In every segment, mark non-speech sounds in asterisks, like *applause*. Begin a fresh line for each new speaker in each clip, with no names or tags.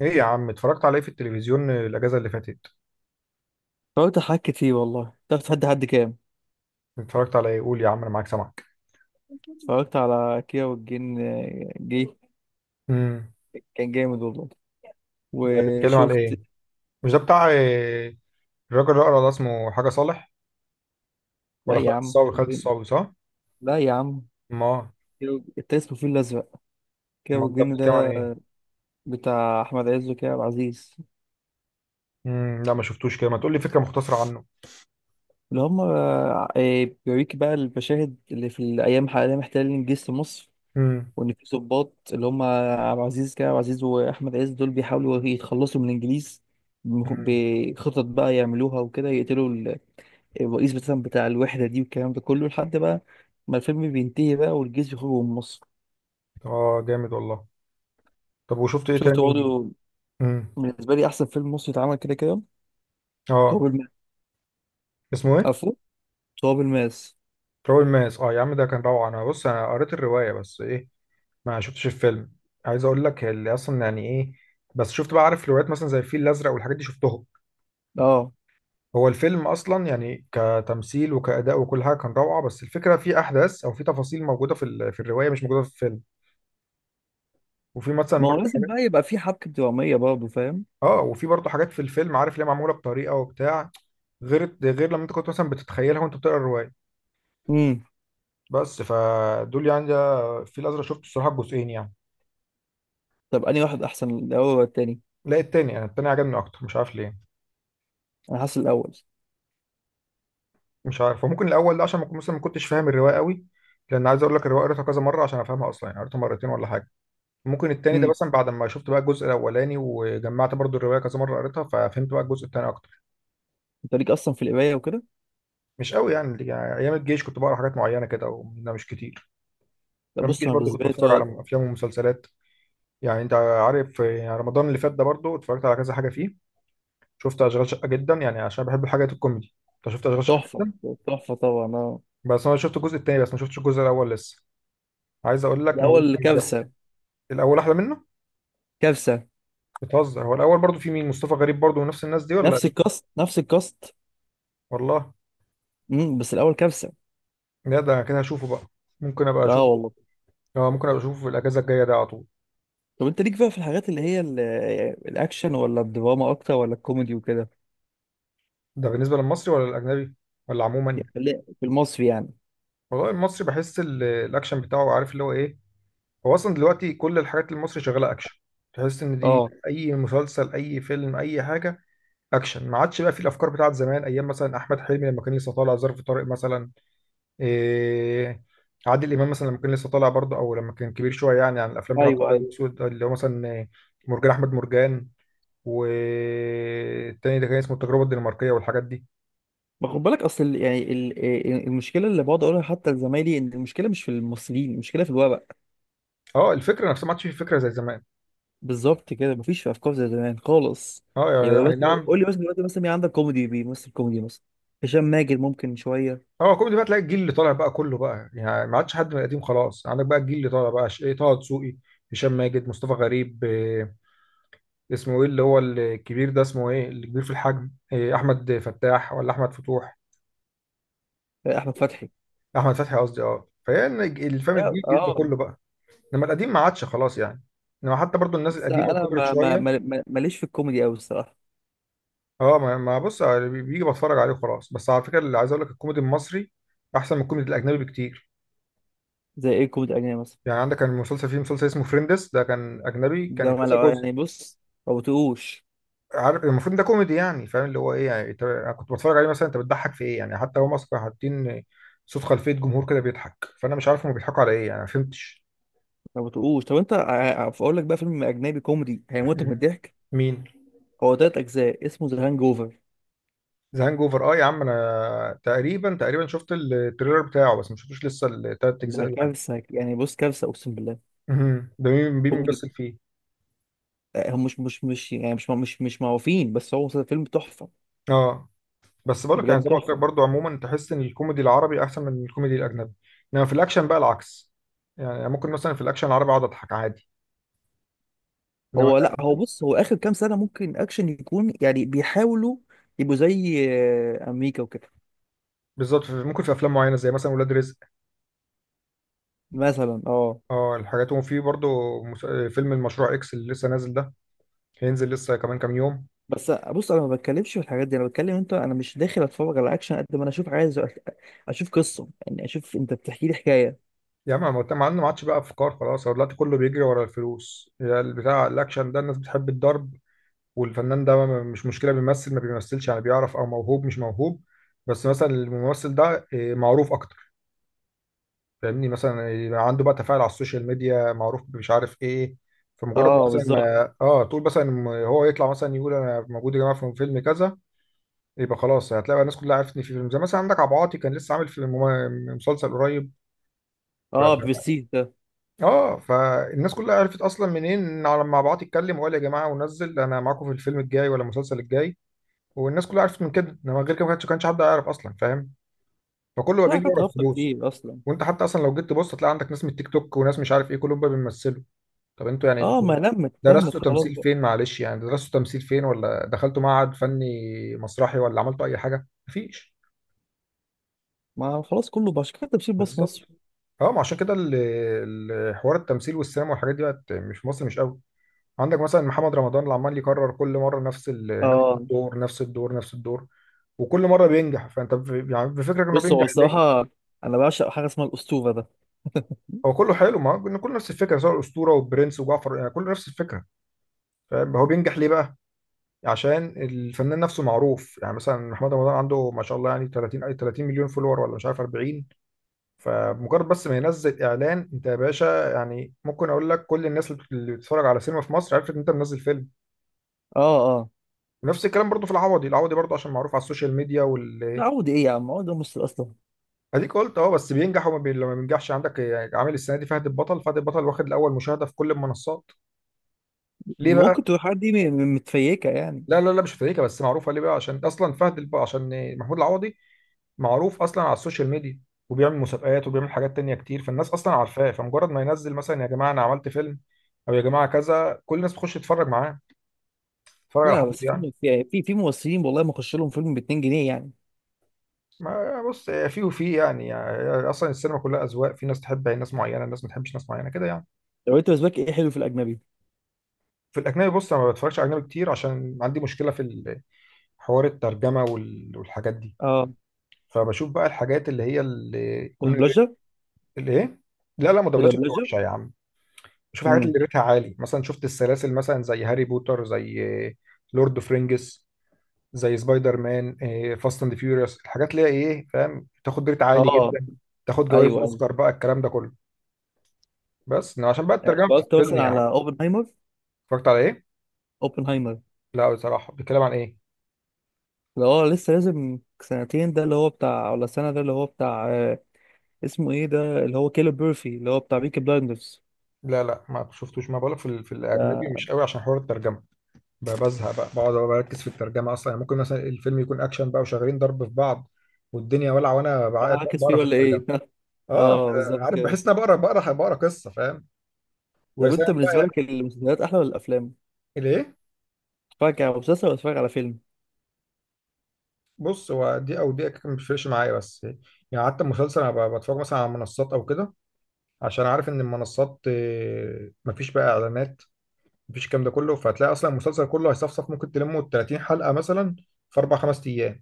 ايه يا عم؟ اتفرجت على ايه في التلفزيون الاجازه اللي فاتت؟
اتفرجت على حاجات كتير والله. تعرف تحدي حد كام؟
اتفرجت على ايه؟ قول يا عم انا معاك سامعك.
اتفرجت على كيرة والجن جه.
امم.
كان جامد والله.
ده بيتكلم على ايه؟
وشفت.
مش ده بتاع الراجل اللي اقرا ده، اسمه حاجه صالح؟
لا
ولا
يا
خالد
عم،
الصاوي،
كيرة
خالد
والجن.
الصاوي، صح؟
لا يا عم،
ما،
انت اسمه الفيل الأزرق. كيرة
ما ده
والجن
بيتكلم عن
ده
ايه؟
بتاع أحمد عز وكريم عبد العزيز.
امم، لا ما شفتوش، كده ما تقول لي فكره مختصره عنه.
اللي هم بيوريك بقى المشاهد اللي في الأيام حاليا محتلين جيش مصر،
امم.
وإن في ضباط اللي هم عبد العزيز كريم عبد العزيز وأحمد عز، دول بيحاولوا يتخلصوا من الإنجليز.
امم.
بخطط بقى يعملوها وكده، يقتلوا الرئيس مثلا بتاع الوحدة دي والكلام ده كله، لحد بقى ما الفيلم بينتهي بقى والجيش يخرج من مصر.
اه، جامد والله. طب وشفت ايه
شفت
تاني؟
برضه
امم.
بالنسبة لي أحسن فيلم مصري اتعمل كده كده:
اه.
تراب الماس.
اسمه ايه؟
عفوا، تراب الماس.
تراب الماس، اه يا عم، ده كان روعه. انا بص، انا قريت الروايه بس ايه، ما شفتش الفيلم. عايز اقول لك، اللي اصلا يعني ايه، بس شفت بقى، عارف روايات مثلا زي الفيل الازرق والحاجات دي شفتهم.
اه،
هو الفيلم اصلا يعني كتمثيل وكاداء وكل حاجه كان روعه، بس الفكره في احداث او في تفاصيل موجوده في في الروايه مش موجوده في الفيلم. وفي مثلا
ما هو
برضه
لازم
حاجات.
بقى يبقى في حبكة درامية برضه، فاهم.
اه، وفي برضه حاجات في الفيلم، عارف ليه معموله بطريقه وبتاع، غير لما انت كنت مثلا بتتخيلها وانت بتقرا الروايه.
امم.
بس فدول يعني. ده الفيل الازرق شفته الصراحه جزئين يعني.
طب أنهي واحد أحسن، الأول ولا التاني؟
لا التاني، يعني التاني عجبني اكتر، مش عارف ليه.
أنا حاسس الأول.
مش عارف، وممكن الاول ده عشان ما كنت- مثلا ما كنتش فاهم الروايه قوي. لان عايز اقول لك الروايه قريتها كذا مره عشان افهمها اصلا، يعني قريتها مرتين ولا حاجه. ممكن التاني ده
امم.
مثلا بعد ما شفت بقى الجزء الاولاني وجمعت برضو الروايه كذا مره قريتها، ففهمت بقى الجزء التاني اكتر.
أنت ليك أصلا في القراية وكده؟
مش قوي يعني ايام الجيش كنت بقرا حاجات معينه كده، ومنها مش كتير.
لا
ايام
بص
الجيش
أنا
برضو
بالنسبة
كنت
لي
بتفرج على افلام ومسلسلات. يعني انت عارف يعني رمضان اللي فات ده برضو اتفرجت على كذا حاجه فيه. شفت اشغال شقه جدا، يعني عشان بحب الحاجات الكوميدي. انت شفت اشغال شقه
تحفة.
جدا؟
تحفة طبعا، اه.
بس انا شفت الجزء التاني، بس ما شفتش الجزء الاول لسه. عايز اقول لك موت.
الأول كارثة.
الاول احلى منه.
كارثة.
بتهزر؟ هو الاول برضو في مين؟ مصطفى غريب برضو ونفس الناس دي ولا؟
نفس الكاست نفس الكاست.
والله.
امم، بس الأول كارثة.
لا ده كده هشوفه بقى. ممكن ابقى
اه
اشوفه.
والله.
اه، ممكن ابقى اشوفه في الاجازه الجايه ده على طول.
طب انت ليك بقى في الحاجات اللي هي الاكشن، ولا الدراما اكتر، ولا الكوميدي وكده؟
ده بالنسبه للمصري ولا الاجنبي؟ ولا عموما؟
يعني في المصري يعني.
والله المصري، بحس الاكشن بتاعه، عارف اللي هو ايه. هو اصلا دلوقتي كل الحاجات المصري شغاله اكشن. تحس ان دي
اه،
اي مسلسل، اي فيلم، اي حاجه، اكشن. ما عادش بقى في الافكار بتاعت زمان، ايام مثلا احمد حلمي لما كان لسه طالع ظرف طارق مثلا. إيه، عادل امام مثلا لما كان لسه طالع برضه، او لما كان كبير شويه، يعني عن الافلام بتاعت
ايوه
الابيض
ايوه.
والاسود، اللي هو مثلا مرجان احمد مرجان، والتاني ده كان اسمه التجربه الدنماركيه، والحاجات دي.
ما خد بالك، اصل المشكله اللي بقعد اقولها حتى لزمايلي، ان المشكله مش في الممثلين، المشكله في الورق.
اه، الفكره نفسها ما عادش في فكره زي زمان.
بالظبط كده، مفيش في افكار زي زمان خالص.
اه.
يعني
يعني
بس،
أي نعم.
قول لي مثلا دلوقتي مثلا مين عندك كوميدي بيمثل كوميدي مثلا؟ هشام ماجد ممكن شويه.
اه، كوميدي بقى تلاقي الجيل اللي طالع بقى كله بقى، يعني ما عادش حد من القديم خلاص، عندك بقى الجيل اللي طالع بقى ايه، طه دسوقي، هشام ماجد، مصطفى غريب، إيه، اسمه ايه اللي هو الكبير ده، اسمه ايه الكبير في الحجم، إيه، احمد فتاح ولا احمد فتوح؟
احمد فتحي،
احمد فتحي قصدي. اه، فهي إن الفيلم
لا
الجديد ده
اه.
كله بقى. انما القديم ما عادش خلاص يعني. انما حتى برضو الناس
بس
القديمه
انا
وكبرت شويه.
ماليش في الكوميدي قوي الصراحه.
اه ما ما بص يعني بيجي بتفرج عليه وخلاص. بس على فكره، اللي عايز اقول لك، الكوميدي المصري احسن من الكوميدي الاجنبي بكتير.
زي ايه الكوميدي الاجنبي مثلا؟
يعني عندك كان مسلسل فيه، مسلسل اسمه فريندس، ده كان اجنبي، كان
ده ما
كذا
لو
جزء.
يعني بص، ما بتقوش.
عارف، المفروض ده كوميدي، يعني فاهم اللي هو ايه، يعني انت، أنا كنت بتفرج عليه مثلا، انت بتضحك في ايه؟ يعني حتى هم اصلا كانوا حاطين صوت خلفيه جمهور كده بيضحك، فانا مش عارف هم بيضحكوا على ايه يعني، ما فهمتش.
ما بتقوش. طب انت اقول لك بقى فيلم اجنبي كوميدي هيموتك من
*laughs*
الضحك.
مين؟
هو تلات اجزاء اسمه ذا هانج اوفر.
ذا هانج اوفر، اه يا عم، انا تقريبا تقريبا شفت التريلر بتاعه، بس ما شفتوش لسه التلات اجزاء
ده
يعني.
كارثه يعني، بص كارثه اقسم بالله.
مهم، ده مين، مين
كوميدي.
بيمثل فيه؟
هم مش مش مش يعني مش مش مش معروفين، بس هو فيلم تحفه.
اه، بس بقول لك يعني،
بجد
زي ما قلت لك
تحفه.
برضه، عموما تحس ان الكوميدي العربي احسن من الكوميدي الاجنبي. انما في الاكشن بقى العكس. يعني ممكن مثلا في الاكشن العربي اقعد اضحك عادي. انما،
هو لا، هو بص هو اخر كام سنه ممكن اكشن يكون، يعني بيحاولوا يبقوا زي امريكا وكده.
بالظبط، ممكن في افلام معينه زي مثلا ولاد رزق.
مثلا اه.
اه الحاجات، وفي برضه فيلم المشروع اكس اللي لسه نازل ده، هينزل لسه كمان كام يوم.
بس بص انا ما بتكلمش في الحاجات دي، انا بتكلم انت انا مش داخل اتفرج على اكشن قد ما انا اشوف، عايز اشوف قصه، يعني اشوف انت بتحكي لي حكايه.
يا عم ما مع انه ما عادش بقى افكار خلاص، هو دلوقتي كله بيجري ورا الفلوس. يا البتاع، الاكشن ده الناس بتحب الضرب، والفنان ده مش مشكله بيمثل ما بيمثلش، يعني بيعرف او موهوب مش موهوب، بس مثلا الممثل ده معروف اكتر. فاهمني، مثلا يبقى عنده بقى تفاعل على السوشيال ميديا، معروف مش عارف ايه، فمجرد
اه
مثلا
بالظبط.
ما تقول مثلا، هو يطلع مثلا يقول انا موجود يا جماعه في فيلم كذا، يبقى خلاص هتلاقي بقى الناس كلها عرفتني في فيلم. زي مثلا، عندك عبد العاطي، كان لسه عامل في مسلسل قريب.
اه بالسيت ده.
اه، فالناس كلها عرفت اصلا منين إن، على لما بعت اتكلم وقال يا جماعه ونزل انا معاكم في الفيلم الجاي ولا المسلسل الجاي، والناس كلها عرفت من كده. انما غير كده ما كانش حد يعرف اصلا فاهم، فكله بقى
في
بيجري
حاجات
ورا
هابطه
الفلوس.
كتير اصلا.
وانت حتى اصلا لو جيت تبص هتلاقي عندك ناس من التيك توك وناس مش عارف ايه كلهم بقى بيمثلوا. طب انتوا يعني،
اه،
انتوا
ما لمت لمت
درستوا
خلاص
تمثيل
بقى.
فين؟ معلش يعني درستوا تمثيل فين، ولا دخلتوا معهد فني مسرحي، ولا عملتوا اي حاجه؟ مفيش.
ما خلاص، كله بقى عشان كده تمثيل باص مصر.
بالظبط. اه، ما عشان كده حوار التمثيل والسينما والحاجات دي بقت مش في مصر، مش قوي. عندك مثلا محمد رمضان اللي عمال يكرر كل مره نفس نفس
اه
الدور، نفس الدور، نفس الدور. وكل مره بينجح، فانت يعني بفكرك انه
بص هو
بينجح ليه؟
الصراحه انا بعشق حاجه اسمها الاسطوره ده.
هو كله حلو، ما هو إن كله نفس الفكره، سواء الاسطوره والبرنس وجعفر، يعني كله نفس الفكره. فاهم؟ هو بينجح ليه بقى؟ عشان الفنان نفسه معروف. يعني مثلا محمد رمضان عنده ما شاء الله يعني 30، أي 30 مليون فولور، ولا مش عارف 40. فمجرد بس ما ينزل اعلان، انت يا باشا، يعني ممكن اقول لك كل الناس اللي بتتفرج على سينما في مصر عرفت ان انت منزل فيلم.
اه اه.
ونفس الكلام برضو في العوضي. العوضي برضو عشان معروف على السوشيال ميديا
لا
وال،
عودي ايه يا عم، عودي مصر اصلا.
اديك قلت اه، بس بينجح وما لما بينجحش عندك، يعني عامل السنه دي فهد البطل، فهد البطل واخد الاول مشاهده في كل المنصات. ليه بقى؟
ممكن تبقى الحاجات دي متفيكه يعني.
لا لا لا، مش فريكه، بس معروفه ليه بقى؟ عشان اصلا عشان محمود العوضي معروف اصلا على السوشيال ميديا، وبيعمل مسابقات وبيعمل حاجات تانية كتير، فالناس اصلا عارفاه. فمجرد ما ينزل مثلا، يا جماعه انا عملت فيلم، او يا جماعه كذا، كل الناس بتخش تتفرج معاه. تتفرج على
لا
حد
بس
يعني؟
فيلم في في في ممثلين والله ما اخش لهم فيلم ب 2 جنيه يعني.
ما بص، في وفي يعني, اصلا السينما كلها اذواق، في ناس تحب ناس معينه، ناس ما تحبش ناس معينه كده يعني.
لو انت بالنسبه لك ايه حلو في الاجنبي؟
في الاجنبي، بص انا ما بتفرجش على اجنبي كتير عشان عندي مشكله في حوار الترجمه والحاجات دي.
اه.
فبشوف بقى الحاجات اللي هي اللي يكون
مدبلجة.
اللي ايه. لا لا ما دبلجة بتبقى
مدبلجة.
وحشه يا عم. بشوف الحاجات
امم.
اللي ريتها عالي، مثلا شفت السلاسل مثلا زي هاري بوتر، زي لورد اوف رينجز، زي سبايدر مان، فاست اند فيوريوس، الحاجات اللي هي ايه، فاهم؟ تاخد ريت عالي
اه.
جدا، تاخد جوائز
ايوه ايوه.
اوسكار بقى، الكلام ده كله. بس إنما عشان بقى
يعني
الترجمه
اتفرجت
بتفصلني
مثلا
يا عم.
على اوبنهايمر؟
اتفرجت على ايه؟
اوبنهايمر.
لا بصراحه، بيتكلم عن ايه؟
اللي هو لسه لازم سنتين ده اللي هو بتاع، ولا سنة ده اللي هو بتاع اسمه ايه ده، اللي هو كيلو بيرفي اللي هو بتاع بيكي بلايندرز
لا لا، ما شفتوش، ما بقولك في، في الاجنبي
ده.
مش قوي عشان حوار الترجمه. بزهق بقى، بقعد أبقى بركز في الترجمه اصلا. يعني ممكن مثلا الفيلم يكون اكشن بقى وشغالين ضرب في بعض والدنيا ولع، وانا
انا عاكس فيه
بقرا في
ولا
الترجمه.
ايه؟ *laughs*
اه.
اه بالظبط
عارف،
كده.
بحس ان انا بقرا بقرا بقرا قصه، فاهم؟ ويا
طب
سلام
انت بالنسبة
بقى.
لك المسلسلات احلى ولا الافلام؟
ليه؟
تتفرج على مسلسل ولا تتفرج على فيلم؟
بص، هو دي او دي ما بتفرقش معايا، بس يعني حتى المسلسل انا بتفرج مثلا على منصات او كده، عشان عارف ان المنصات مفيش بقى اعلانات، مفيش الكلام ده كله. فهتلاقي اصلا المسلسل كله هيصفصف، ممكن تلمه 30 حلقه مثلا في اربع خمس ايام.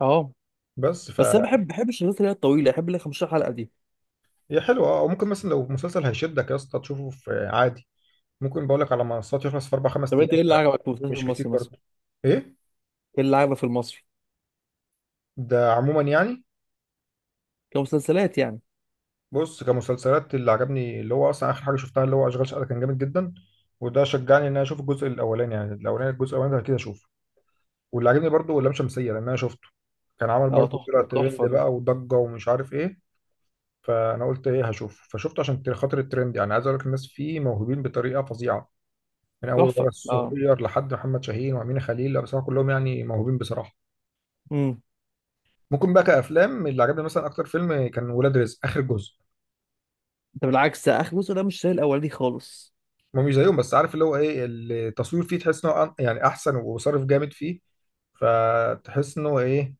اه،
بس ف،
بس انا بحب بحب الشغلات اللي هي الطويلة، بحب اللي هي 15 حلقة دي.
هي حلوه اه، وممكن مثلا لو مسلسل هيشدك يا اسطى تشوفه في عادي. ممكن بقول لك على منصات يخلص في اربع خمس
طب انت
ايام.
ايه اللي عجبك في المسلسل
مش كتير
المصري مثلا؟
برضه. ايه؟
ايه اللي عجبك في المصري؟
ده عموما يعني؟
كمسلسلات يعني.
بص كمسلسلات، اللي عجبني، اللي هو اصلا اخر حاجه شفتها، اللي هو اشغال شقه، كان جامد جدا، وده شجعني ان انا اشوف الجزء الاولاني. يعني الاولاني، الجزء الاولاني ده كده اشوفه. واللي عجبني برضه لام شمسيه، لان انا شفته، كان عمل
اه
برضه طلع
تحفة
ترند
تحفة ده.
بقى وضجه ومش عارف ايه. فانا قلت ايه، هشوف، فشفته عشان خاطر الترند. يعني عايز اقول لك الناس فيه موهوبين بطريقه فظيعه، من اول ولا
تحفة اه.
الصغير لحد محمد شاهين وامين خليل. لا بصراحه كلهم يعني موهوبين بصراحه.
امم.
ممكن بقى كافلام، اللي عجبني مثلا اكتر فيلم كان ولاد رزق اخر جزء.
ده بالعكس، ده اخر جزء ده مش زي الاولاني خالص.
ما مش زيهم، بس عارف اللي هو ايه، التصوير فيه تحس انه يعني احسن وصرف جامد فيه، فتحس انه ايه،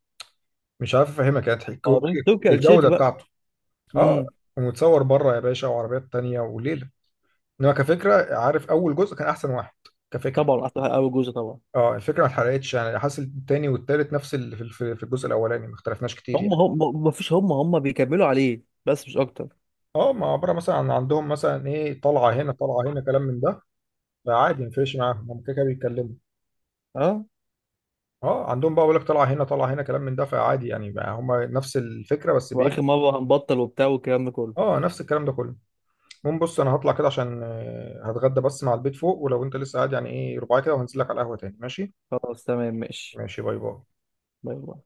مش عارف افهمك يعني
اه دول تركي آل الشيخ
الجوده
بقى.
بتاعته. اه،
امم.
ومتصور بره يا باشا، وعربيات تانية وليله. انما كفكره، عارف، اول جزء كان احسن واحد كفكره.
طبعا احلى اول جزء طبعا.
اه، الفكره ما اتحرقتش، يعني حاسس التاني والتالت نفس اللي في في الجزء الاولاني، ما اختلفناش كتير
هم
يعني.
هم، ما فيش، هم هم بيكملوا عليه بس مش اكتر.
اه، ما عبارة مثلا عن عندهم مثلا ايه، طلعة هنا، طلعة هنا، كلام من ده، فعادي مفيش معاهم، هم كده كده بيتكلموا.
اه،
اه عندهم بقى بيقول لك طلعة هنا، طلعة هنا، كلام من ده، فعادي يعني بقى، هم نفس الفكرة، بس
واخر
بايه.
مرة هنبطل وبتاع والكلام ده كله.
اه نفس الكلام ده كله. المهم بص، انا هطلع كده عشان هتغدى بس مع البيت فوق، ولو انت لسه قاعد يعني ايه ربع كده، وهنزل لك على القهوة تاني، ماشي؟
خلاص تمام ماشي.
ماشي، باي باي.
باي باي.